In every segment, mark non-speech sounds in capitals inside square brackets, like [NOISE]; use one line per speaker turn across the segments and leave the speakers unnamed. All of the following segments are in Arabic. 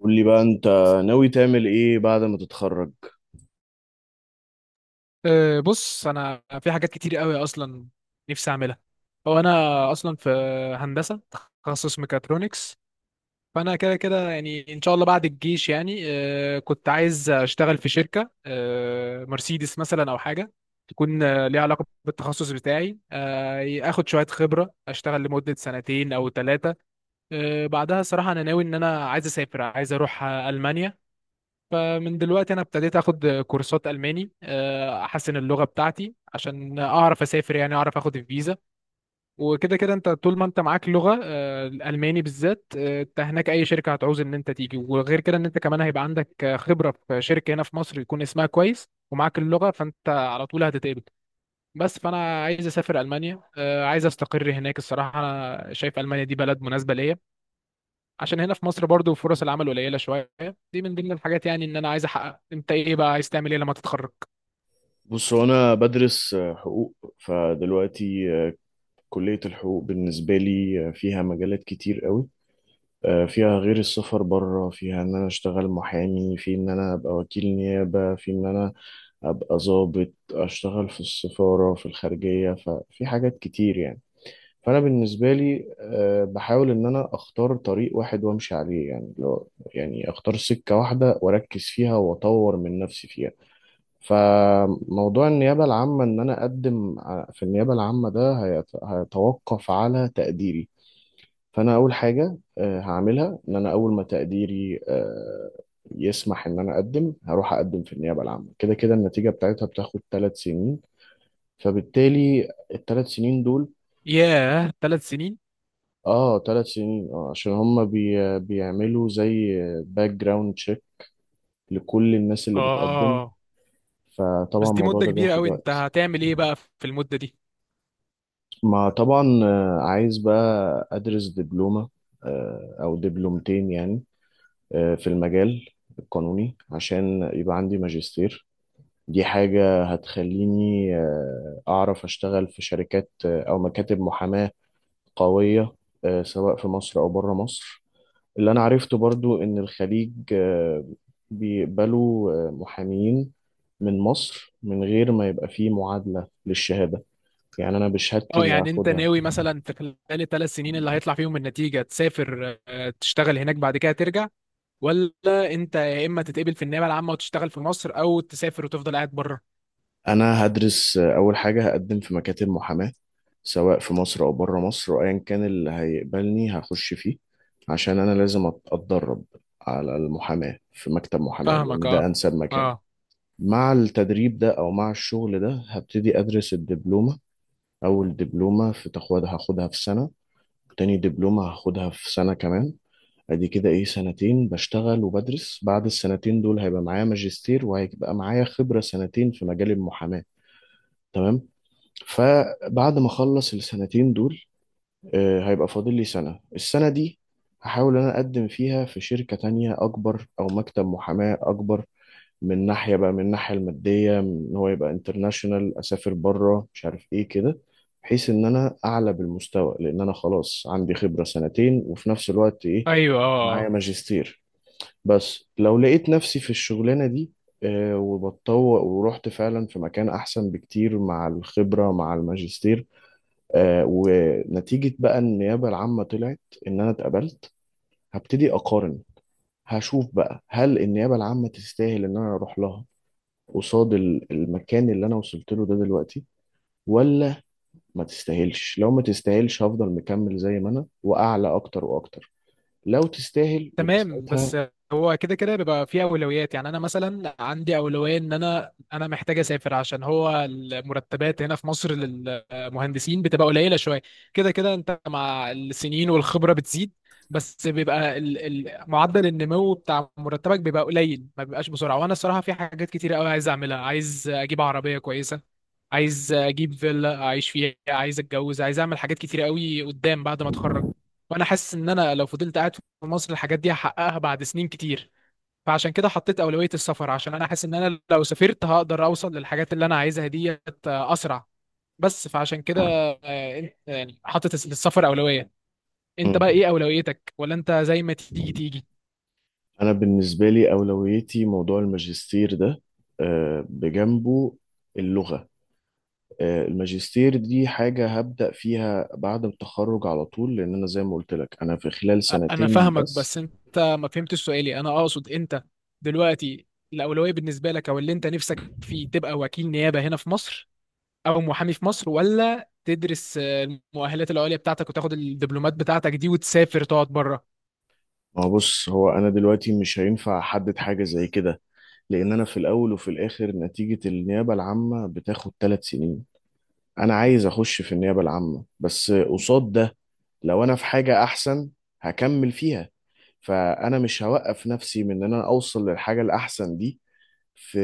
قول لي بقى، انت ناوي تعمل ايه بعد ما تتخرج؟
بص انا في حاجات كتير قوي اصلا نفسي اعملها. هو انا اصلا في هندسه، تخصص ميكاترونكس. فانا كده كده يعني ان شاء الله بعد الجيش يعني كنت عايز اشتغل في شركه مرسيدس مثلا او حاجه تكون ليها علاقه بالتخصص بتاعي، اخد شويه خبره اشتغل لمده 2 سنين او ثلاثه. بعدها صراحه انا ناوي ان انا عايز اسافر، عايز اروح المانيا. فمن دلوقتي انا ابتديت اخد كورسات الماني، احسن اللغه بتاعتي عشان اعرف اسافر، يعني اعرف اخد الفيزا. وكده كده انت طول ما انت معاك لغه الالماني بالذات، انت هناك اي شركه هتعوز ان انت تيجي، وغير كده ان انت كمان هيبقى عندك خبره في شركه هنا في مصر يكون اسمها كويس ومعاك اللغه، فانت على طول هتتقبل. بس فانا عايز اسافر المانيا، عايز استقر هناك. الصراحه انا شايف المانيا دي بلد مناسبه ليا، عشان هنا في مصر برضو فرص العمل قليله شويه. دي من ضمن الحاجات يعني ان انا عايز احقق. انت ايه بقى عايز تعمل ايه لما تتخرج؟
بص، هو انا بدرس حقوق. فدلوقتي، كلية الحقوق بالنسبة لي فيها مجالات كتير قوي. فيها غير السفر بره، فيها ان انا اشتغل محامي، في ان انا ابقى وكيل نيابة، في ان انا ابقى ضابط اشتغل في السفارة في الخارجية. ففي حاجات كتير يعني. فانا بالنسبه لي بحاول ان انا اختار طريق واحد وامشي عليه. يعني لو يعني اختار سكه واحده واركز فيها واطور من نفسي فيها. فموضوع النيابه العامه، ان انا اقدم في النيابه العامه، ده هيتوقف على تقديري. فانا اول حاجه هعملها ان انا، اول ما تقديري يسمح، ان انا اقدم، هروح اقدم في النيابه العامه. كده كده النتيجه بتاعتها بتاخد 3 سنين. فبالتالي الثلاث سنين دول.
ياه، 3 سنين؟
اه، 3 سنين، اه، عشان هم بيعملوا زي باك جراوند تشيك لكل الناس اللي بتقدم.
اه.
فطبعا
بس دي
الموضوع
مده
ده
كبيره
بياخد
قوي، انت
وقت.
هتعمل ايه بقى في المده دي؟
ما طبعا عايز بقى ادرس دبلومة، او دبلومتين يعني، في المجال القانوني، عشان يبقى عندي ماجستير. دي حاجة هتخليني اعرف اشتغل في شركات، او مكاتب محاماة قوية، سواء في مصر او بره مصر. اللي أنا عرفته برضو إن الخليج بيقبلوا محامين من مصر، من غير ما يبقى فيه معادلة للشهادة، يعني أنا بشهادتي
اه،
اللي
يعني انت
هاخدها.
ناوي مثلا في خلال ال3 سنين اللي هيطلع فيهم النتيجه تسافر، تشتغل هناك بعد كده ترجع؟ ولا انت يا اما تتقبل في النيابه العامه وتشتغل في مصر، او تسافر وتفضل قاعد بره؟
أنا هدرس. أول حاجة هقدم في مكاتب محاماة، سواء في مصر أو بره مصر، وأيا كان اللي هيقبلني هخش فيه. عشان أنا لازم أتدرب على المحاماة في مكتب محاماة،
فاهمك.
لأن ده
اه
أنسب مكان.
اه.
مع التدريب ده أو مع الشغل ده، هبتدي أدرس الدبلومة. أول دبلومة في تاخدها، هاخدها في سنة. تاني دبلومة هاخدها في سنة كمان. ادي كده ايه، 2 سنين بشتغل وبدرس. بعد السنتين دول هيبقى معايا ماجستير، وهيبقى معايا خبرة 2 سنين في مجال المحاماة. تمام. فبعد ما اخلص السنتين دول، هيبقى فاضل لي سنة. السنة دي هحاول انا اقدم فيها في شركة تانية اكبر، او مكتب محاماة اكبر. من ناحية بقى، من الناحية المادية، إن هو يبقى انترناشونال، أسافر بره، مش عارف إيه كده. بحيث إن أنا أعلى بالمستوى، لأن أنا خلاص عندي خبرة 2 سنين، وفي نفس الوقت إيه،
ايوه اه
معايا ماجستير. بس لو لقيت نفسي في الشغلانة دي وبتطوق ورحت فعلا في مكان أحسن بكتير مع الخبرة مع الماجستير، ونتيجة بقى النيابة العامة طلعت إن أنا اتقبلت، هبتدي أقارن. هشوف بقى، هل النيابة العامة تستاهل إن أنا أروح لها قصاد المكان اللي انا وصلت له ده دلوقتي، ولا ما تستاهلش؟ لو ما تستاهلش، هفضل مكمل زي ما انا، واعلى اكتر واكتر. لو تستاهل يبقى
تمام.
ساعتها.
بس هو كده كده بيبقى في اولويات، يعني انا مثلا عندي اولويه ان انا محتاج اسافر، عشان هو المرتبات هنا في مصر للمهندسين بتبقى قليله شويه. كده كده انت مع السنين والخبره بتزيد، بس بيبقى معدل النمو بتاع مرتبك بيبقى قليل، ما بيبقاش بسرعه. وانا الصراحه في حاجات كتير قوي عايز اعملها، عايز اجيب عربيه كويسه، عايز اجيب فيلا اعيش فيها، عايز اتجوز، عايز اعمل حاجات كتير قوي قدام بعد ما اتخرج. وانا حاسس ان انا لو فضلت قاعد في مصر الحاجات دي هحققها بعد سنين كتير. فعشان كده حطيت اولوية السفر، عشان انا حاسس ان انا لو سافرت هقدر اوصل للحاجات اللي انا عايزها ديت اسرع. بس فعشان كده يعني حطيت السفر اولوية. انت بقى
مم.
ايه اولويتك، ولا انت زي ما تيجي تيجي؟
انا بالنسبه لي اولويتي موضوع الماجستير ده، بجنبه اللغه. الماجستير دي حاجه هبدا فيها بعد التخرج على طول، لان انا زي ما قلت لك، انا في خلال
انا
2 سنين
فاهمك،
بس.
بس انت ما فهمتش سؤالي. انا اقصد انت دلوقتي الاولويه بالنسبه لك، او اللي انت نفسك فيه، تبقى وكيل نيابه هنا في مصر او محامي في مصر، ولا تدرس المؤهلات العليا بتاعتك وتاخد الدبلومات بتاعتك دي وتسافر تقعد بره؟
ما هو، بص، هو انا دلوقتي مش هينفع احدد حاجه زي كده، لان انا في الاول وفي الاخر نتيجة النيابة العامة بتاخد 3 سنين. انا عايز اخش في النيابة العامة، بس قصاد ده، لو انا في حاجة احسن، هكمل فيها. فانا مش هوقف نفسي من ان انا اوصل للحاجة الاحسن دي في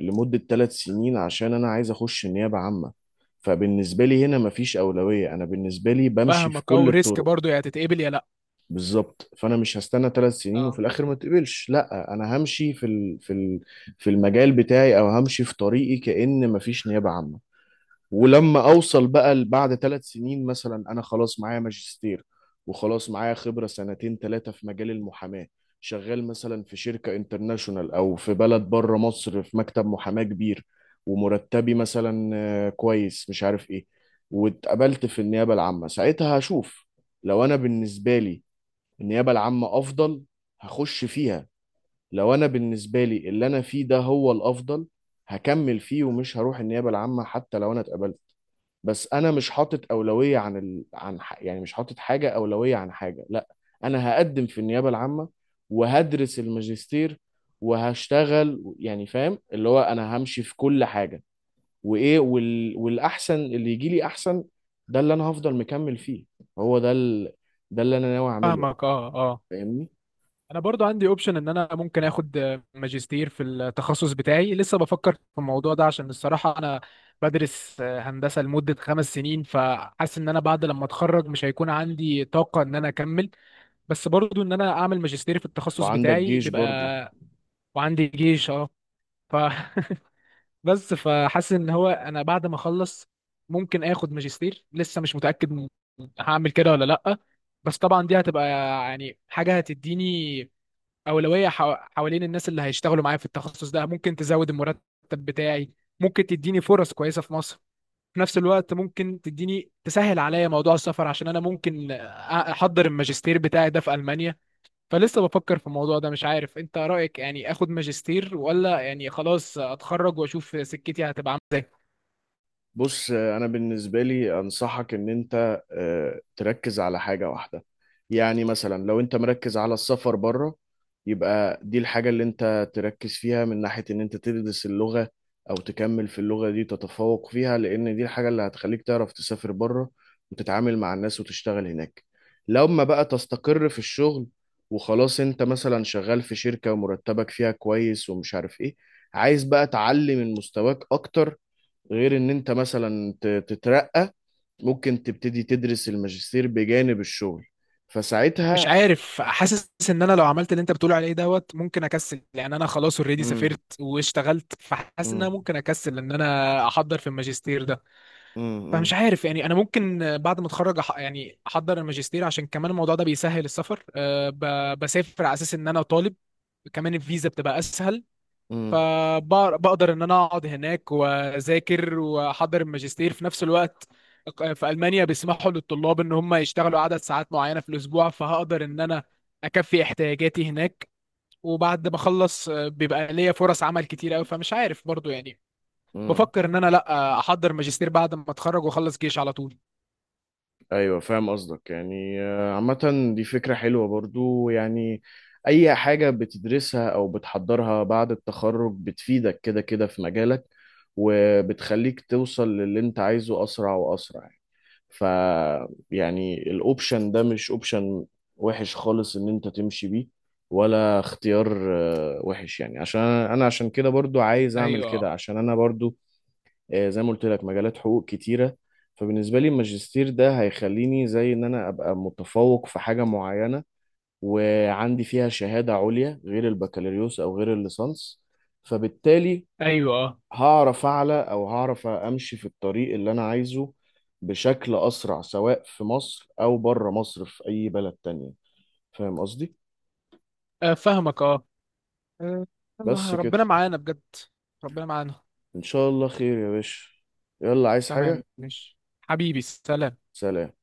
لمدة 3 سنين، عشان انا عايز اخش النيابة عامة. فبالنسبة لي هنا مفيش أولوية. أنا بالنسبة لي بمشي في
فاهمك،
كل
او ريسك
الطرق.
برضو، يا تتقبل يا لا.
بالظبط، فانا مش هستنى 3 سنين وفي
اه
الاخر ما تقبلش. لا، انا همشي في المجال بتاعي، او همشي في طريقي كأن مفيش نيابة عامة. ولما اوصل بقى بعد 3 سنين مثلا، انا خلاص معايا ماجستير، وخلاص معايا خبرة سنتين ثلاثة في مجال المحاماة. شغال مثلا في شركة انترناشونال او في بلد بره مصر، في مكتب محاماة كبير، ومرتبي مثلا كويس، مش عارف ايه. واتقبلت في النيابة العامة، ساعتها هشوف. لو انا بالنسبة لي النيابة العامة أفضل، هخش فيها. لو أنا بالنسبة لي اللي أنا فيه ده هو الأفضل، هكمل فيه ومش هروح النيابة العامة حتى لو أنا اتقبلت. بس أنا مش حاطط أولوية عن ال... عن ح... يعني مش حاطط حاجة أولوية عن حاجة، لا. أنا هقدم في النيابة العامة، وهدرس الماجستير، وهشتغل. يعني فاهم اللي هو، أنا همشي في كل حاجة. وإيه، والأحسن اللي يجي لي أحسن، ده اللي أنا هفضل مكمل فيه. هو ده ده اللي أنا ناوي أعمله.
فاهمك. اه اه.
فاهمني؟
انا برضو عندي اوبشن ان انا ممكن اخد ماجستير في التخصص بتاعي. لسه بفكر في الموضوع ده، عشان الصراحة انا بدرس هندسة لمدة 5 سنين، فحاسس ان انا بعد لما اتخرج مش هيكون عندي طاقة ان انا اكمل. بس برضو ان انا اعمل ماجستير في التخصص
وعندك
بتاعي
جيش برضو.
بيبقى. وعندي جيش، اه. ف [LAUGHS] بس فحاسس ان هو انا بعد ما اخلص ممكن اخد ماجستير. لسه مش متأكد هعمل كده ولا لأ. بس طبعا دي هتبقى يعني حاجة هتديني اولويه حوالين الناس اللي هيشتغلوا معايا في التخصص ده، ممكن تزود المرتب بتاعي، ممكن تديني فرص كويسه في مصر، في نفس الوقت ممكن تديني تسهل عليا موضوع السفر، عشان انا ممكن احضر الماجستير بتاعي ده في المانيا. فلسه بفكر في الموضوع ده، مش عارف انت رايك، يعني اخد ماجستير ولا يعني خلاص اتخرج واشوف سكتي هتبقى عامله ازاي.
بص، انا بالنسبه لي انصحك ان انت تركز على حاجه واحده. يعني مثلا لو انت مركز على السفر بره، يبقى دي الحاجه اللي انت تركز فيها، من ناحيه ان انت تدرس اللغه او تكمل في اللغه دي، تتفوق فيها، لان دي الحاجه اللي هتخليك تعرف تسافر بره، وتتعامل مع الناس وتشتغل هناك. لما بقى تستقر في الشغل، وخلاص انت مثلا شغال في شركه ومرتبك فيها كويس، ومش عارف ايه، عايز بقى تعلي من مستواك اكتر، غير ان انت مثلا تترقى، ممكن تبتدي تدرس الماجستير بجانب الشغل.
مش
فساعتها،
عارف، حاسس ان انا لو عملت اللي انت بتقول عليه دوت ممكن اكسل، يعني انا خلاص اوريدي
امم.
سافرت واشتغلت، فحاسس ان
امم.
انا ممكن اكسل ان انا احضر في الماجستير ده.
امم.
فمش عارف يعني، انا ممكن بعد ما اتخرج يعني احضر الماجستير، عشان كمان الموضوع ده بيسهل السفر، بسافر على اساس ان انا طالب، كمان الفيزا بتبقى اسهل، فبقدر ان انا اقعد هناك واذاكر واحضر الماجستير في نفس الوقت. في المانيا بيسمحوا للطلاب ان هم يشتغلوا عدد ساعات معينه في الاسبوع، فهقدر ان انا اكفي احتياجاتي هناك. وبعد ما اخلص بيبقى ليا فرص عمل كتير قوي. فمش عارف برضو يعني،
امم.
بفكر ان انا لا احضر ماجستير بعد ما اتخرج واخلص جيش على طول.
ايوه، فاهم قصدك. يعني عامة دي فكرة حلوة برضو يعني. اي حاجة بتدرسها او بتحضرها بعد التخرج بتفيدك كده كده في مجالك، وبتخليك توصل للي انت عايزه اسرع واسرع. ف يعني الاوبشن ده مش اوبشن وحش خالص ان انت تمشي بيه، ولا اختيار وحش يعني. عشان انا عشان كده برضو عايز اعمل كده،
ايوه
عشان انا برضو، زي ما قلت لك، مجالات حقوق كتيرة. فبالنسبة لي الماجستير ده هيخليني زي ان انا ابقى متفوق في حاجة معينة، وعندي فيها شهادة عليا غير البكالوريوس او غير الليسانس. فبالتالي
ايوه،
هعرف اعلى، او هعرف امشي في الطريق اللي انا عايزه بشكل اسرع، سواء في مصر او بره مصر في اي بلد تانية. فاهم قصدي؟
فاهمك. اه آه، يلا
بس كده.
ربنا معانا بجد. ربنا معانا.
ان شاء الله خير يا باشا. يلا، عايز
تمام،
حاجة؟
مش حبيبي، سلام.
سلام.